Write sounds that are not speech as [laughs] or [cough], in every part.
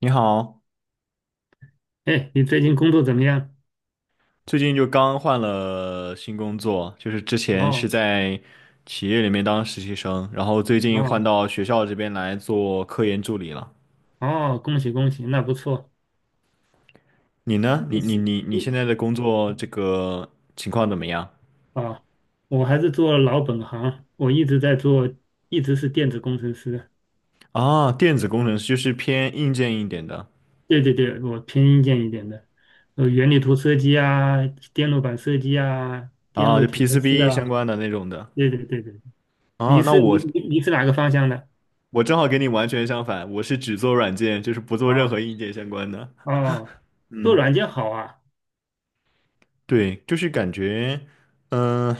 你好，哎，你最近工作怎么样？最近就刚换了新工作，就是之前是哦在企业里面当实习生，然后最近换哦到学校这边来做科研助理了。哦，恭喜恭喜，那不错。你呢？你你你是你你现你在的工作这个情况怎么样？啊，我还是做老本行，我一直在做，一直是电子工程师。啊，电子工程师就是偏硬件一点的。对对对，我偏硬件一点的，原理图设计啊，电路板设计啊，电啊，路就 调试 PCB 相啊。关的那种的。对对对对，你啊，那是你我你你是哪个方向的？我正好跟你完全相反，我是只做软件，就是不做任何啊硬件相关的。哦，做软件好啊。对，就是感觉。嗯，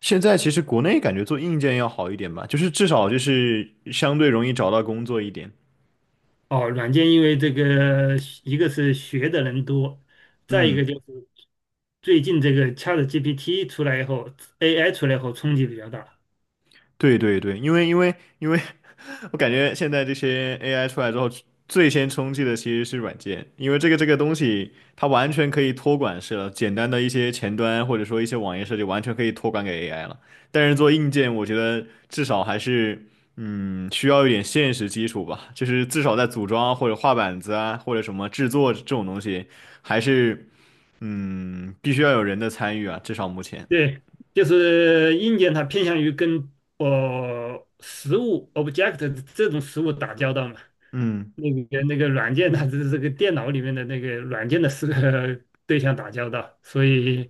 现在其实国内感觉做硬件要好一点吧，就是至少就是相对容易找到工作一点。哦，软件因为这个一个是学的人多。再一个嗯，就是最近这个 ChatGPT 出来以后，AI 出来以后冲击比较大。对对对，因为 [laughs] 我感觉现在这些 AI 出来之后，最先冲击的其实是软件，因为这个东西它完全可以托管式了，简单的一些前端或者说一些网页设计完全可以托管给 AI 了。但是做硬件，我觉得至少还是需要一点现实基础吧，就是至少在组装啊或者画板子啊或者什么制作这种东西。还是嗯，必须要有人的参与啊，至少目前。对，就是硬件它偏向于跟实物 object 这种实物打交道嘛，嗯那个软件它这个电脑里面的那个软件的是个 [laughs] 对象打交道，所以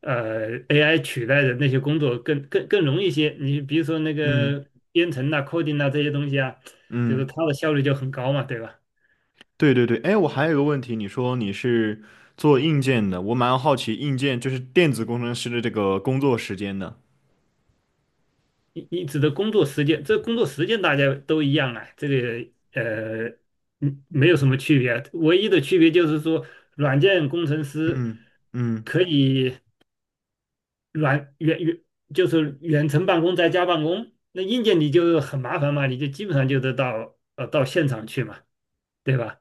AI 取代的那些工作更容易一些。你比如说那嗯个编程啊、coding 啊这些东西啊，就是嗯，它的效率就很高嘛，对吧？对对对。哎，我还有一个问题，你说你是做硬件的，我蛮好奇硬件就是电子工程师的这个工作时间的。你指的工作时间，这工作时间大家都一样啊，这个没有什么区别，唯一的区别就是说，软件工程师嗯嗯，可以软远远就是远程办公在家办公，那硬件你就很麻烦嘛，你就基本上就得到现场去嘛，对吧？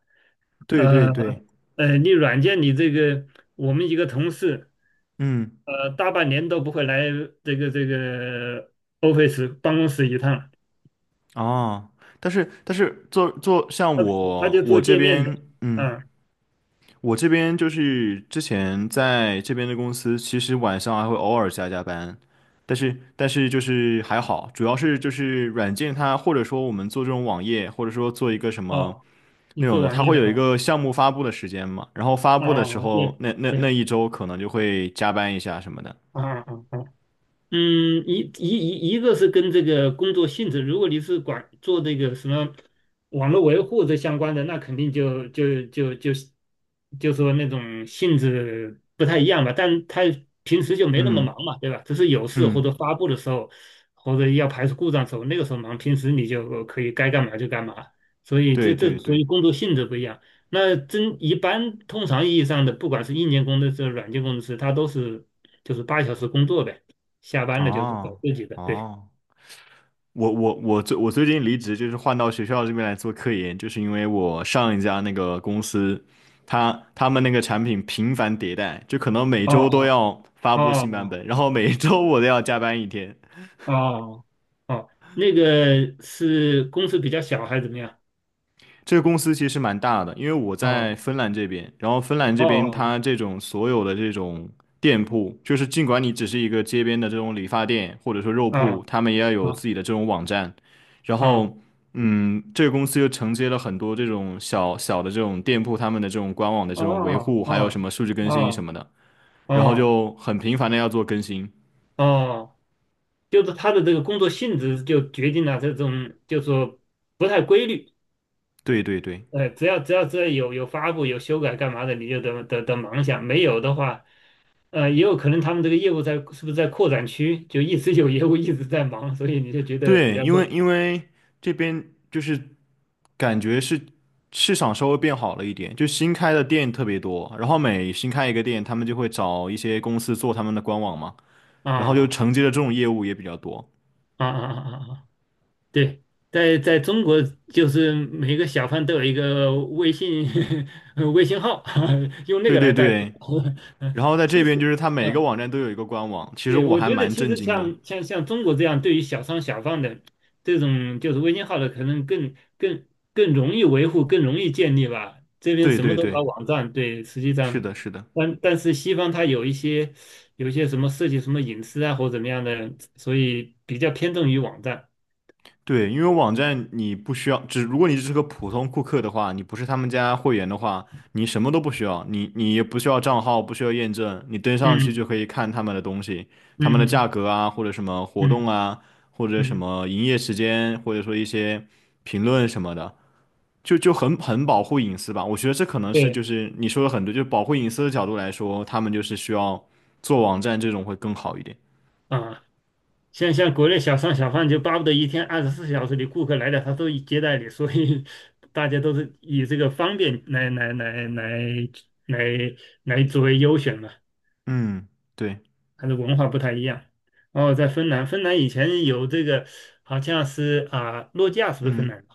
对呃对对，你软件你这个我们一个同事嗯大半年都不会来这个 office 办公室一趟。哦，但是做像他他我就我做这界面的，边，嗯。嗯，我这边就是之前在这边的公司，其实晚上还会偶尔加加班，但是就是还好，主要是就是软件它或者说我们做这种网页，或者说做一个什么哦，你内容做的，网它页会的有一啊，个项目发布的时间嘛，然后发哦布的时哦哦，候对那对，一周可能就会加班一下什么的。啊啊啊啊嗯，一个是跟这个工作性质，如果你是管做这个什么网络维护这相关的，那肯定就说那种性质不太一样吧。但他平时就没那么嗯忙嘛，对吧？只是有事或嗯，者发布的时候，或者要排除故障的时候，那个时候忙，平时你就可以该干嘛就干嘛。所以对这这对所对，以工作性质不一样。那真一般通常意义上的，不管是硬件工程师、软件工程师，他都是就是8小时工作呗。下班了就是搞哦自己的，对。哦。我最近离职，就是换到学校这边来做科研，就是因为我上一家那个公司，他们那个产品频繁迭代，就可能每周都哦要发哦布新版哦本，然后每周我都要加班一天。哦哦哦，那个是公司比较小还是怎么样？这个公司其实蛮大的，因为我在哦芬兰这边，然后芬兰这边哦它这种所有的这种店铺，就是尽管你只是一个街边的这种理发店或者说肉铺，哦他们也要有自哦己的这种网站，然哦后嗯，这个公司又承接了很多这种小小的这种店铺，他们的这种官网的这种维哦护，还有什哦么数据更新什哦么的，然后哦就很频繁的要做更新。哦，就是他的这个工作性质就决定了这种，就是说不太规律。对对对只要有发布有修改干嘛的，你就得忙一下。没有的话，也有可能他们这个业务在是不是在扩展区，就一直有业务一直在忙，所以你就觉得比对，较因为累。因为这边就是。感觉是市场稍微变好了一点，就新开的店特别多，然后每新开一个店，他们就会找一些公司做他们的官网嘛，啊然后就啊承接的这种业务也比较多。啊啊啊！啊，对，在中国就是每个小贩都有一个微信 [laughs] 微信号，[laughs] 用那对个对来代替。对，然后 [laughs] 在这其边就实，是它每个呃网站都有一个官网，其实对，我我还觉得蛮其震实惊的。像中国这样，对于小商小贩的这种就是微信号的，可能更容易维护，更容易建立吧。这边对什么对都对，搞网站，对，实际是上，的，是的。但是西方它有一些什么涉及什么隐私啊或怎么样的，所以比较偏重于网站。对，因为网站你不需要，只如果你只是个普通顾客的话，你不是他们家会员的话，你什么都不需要，你也不需要账号，不需要验证，你登上去就嗯可以看他们的东西，他们嗯的价嗯格啊，或者什么活动嗯啊，或者什嗯，么营业时间，或者说一些评论什么的，就很保护隐私吧。我觉得这可能是就对是你说的很对，就保护隐私的角度来说，他们就是需要做网站这种会更好一点。啊。像国内小商小贩就巴不得一天24小时你顾客来了他都接待你，所以 [laughs] 大家都是以这个方便来来作为优选嘛，嗯，对，它的文化不太一样。然后在芬兰，芬兰以前有这个好像是啊，诺基亚是不是芬嗯。兰的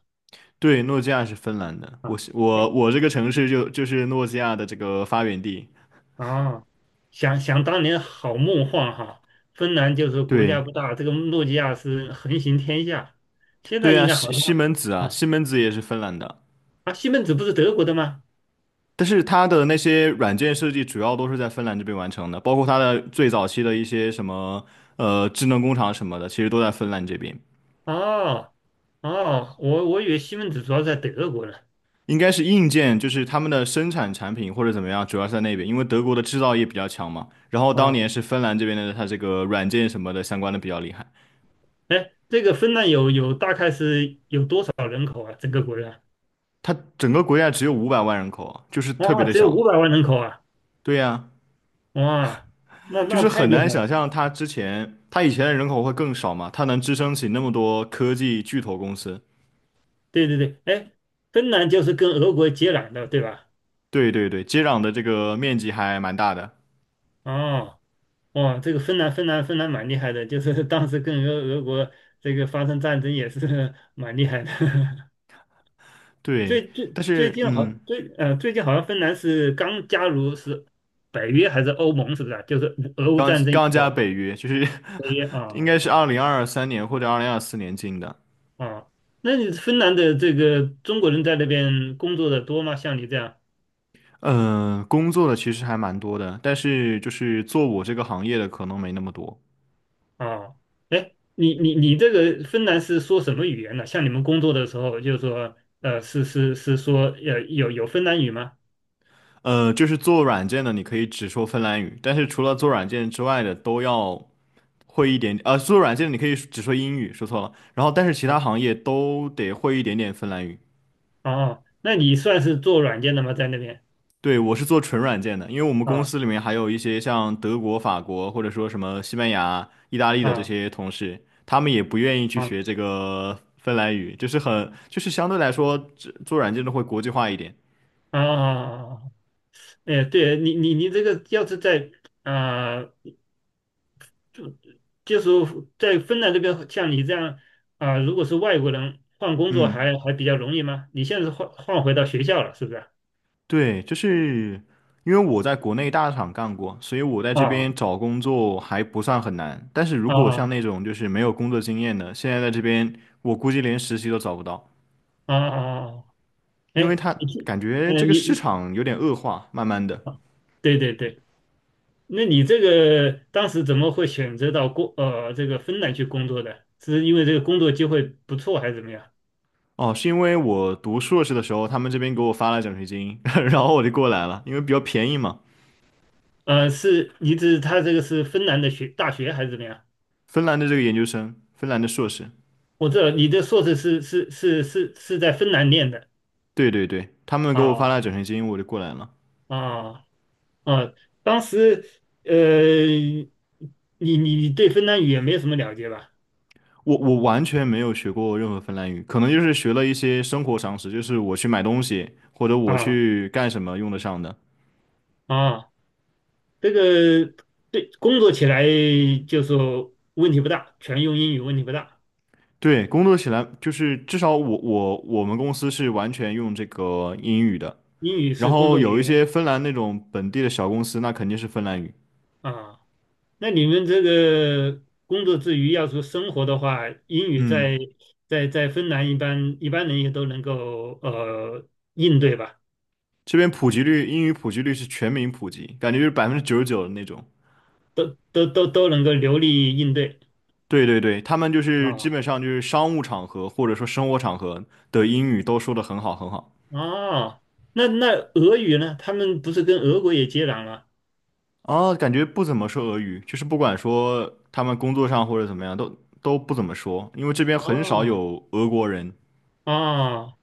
对，诺基亚是芬兰的，我啊？是我哎我这个城市就是诺基亚的这个发源地。啊，想想当年好梦幻哈，芬兰就是国家对不大，这个诺基亚是横行天下，现在对应啊，该好像。西门子啊，啊西门子也是芬兰的，啊，西门子不是德国的吗？但是它的那些软件设计主要都是在芬兰这边完成的，包括它的最早期的一些什么智能工厂什么的，其实都在芬兰这边。哦哦，我以为西门子主要在德国呢。应该是硬件，就是他们的生产产品或者怎么样，主要是在那边，因为德国的制造业比较强嘛。然后当啊，年是芬兰这边的，它这个软件什么的相关的比较厉害。哎，这个芬兰有大概是有多少人口啊？整个国家？它整个国家只有500万人口啊，就是特别哇，的只有五小。百万人口啊！对呀，哇，那就那是太很厉难害想了。象他之前，他以前的人口会更少嘛，他能支撑起那么多科技巨头公司。对对对，哎，芬兰就是跟俄国接壤的，对吧？对对对，接壤的这个面积还蛮大的。哦，哇，这个芬兰蛮厉害的，就是当时跟俄国这个发生战争也是 [laughs] 蛮厉害的。[laughs] 对，最最但最是近好嗯，最呃最近好像芬兰是刚加入是北约还是欧盟是不是啊？就是俄乌战争以刚加后北约，就是 北约啊 [laughs] 应该是啊2023年或者2024年进的。啊，那你芬兰的这个中国人在那边工作的多吗？像你这样嗯、工作的其实还蛮多的，但是就是做我这个行业的可能没那么多。啊？哎，你这个芬兰是说什么语言呢？像你们工作的时候，就是说是说有芬兰语吗？呃，就是做软件的，你可以只说芬兰语，但是除了做软件之外的，都要。会一点，呃，输入软件你可以只说英语，说错了，然后但是其他啊行业都得会一点点芬兰语。哦，那你算是做软件的吗？在那边对，我是做纯软件的，因为我们公啊司里面还有一些像德国、法国或者说什么西班牙、意大利的这啊些同事，他们也不愿意去啊学这啊个芬兰语，就是很，就是相对来说，这做软件的会国际化一点。啊！啊啊，哎，对你，你这个要是在啊、呃就就是在芬兰这边，像你这样啊、如果是外国人换工作嗯。还比较容易吗？你现在是换回到学校了，是不是啊？对，就是因为我在国内大厂干过，所以我在这边啊找工作还不算很难。但是如果像那啊种就是没有工作经验的，现在在这边我估计连实习都找不到，啊啊啊！啊！因为哎，他你这，感觉呃，这个你，市你场有点恶化，慢慢的。啊，对对对，那你这个当时怎么会选择到这个芬兰去工作的？是因为这个工作机会不错还是怎么样？哦，是因为我读硕士的时候，他们这边给我发了奖学金，[laughs] 然后我就过来了，因为比较便宜嘛。是你指他这个是芬兰的大学还是怎么样？芬兰的这个研究生，芬兰的硕士，我知道你的硕士是在芬兰念的对对对，他们给我发了啊奖学金，我就过来了。啊啊！当时呃，你对芬兰语也没有什么了解吧？我完全没有学过任何芬兰语，可能就是学了一些生活常识，就是我去买东西或者我啊去干什么用得上的。啊，这个对工作起来就说问题不大，全用英语问题不大，对，工作起来就是至少我我们公司是完全用这个英语的，英语然是工后作语有一些言芬兰那种本地的小公司，那肯定是芬兰语。啊。那你们这个工作之余要是生活的话，英语嗯，在芬兰一般人也都能够应对吧？这边普及率，英语普及率是全民普及，感觉就是99%的那种。都能够流利应对。对对对，他们就是基啊。本上就是商务场合或者说生活场合的英语都说得很好。哦，那俄语呢？他们不是跟俄国也接壤了？啊，感觉不怎么说俄语，就是不管说他们工作上或者怎么样，都不怎么说，因为这边很少哦，有俄国人。哦，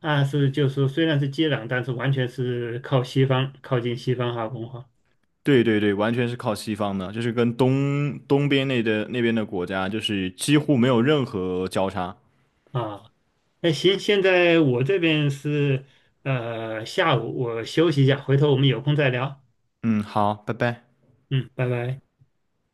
那是就是说虽然是接壤，但是完全是靠西方，靠近西方哈文化对对对，完全是靠西方的，就是跟东边那边的国家，就是几乎没有任何交叉。啊。那行，现在我这边是下午，我休息一下，回头我们有空再聊。嗯，好，拜拜。嗯，拜拜。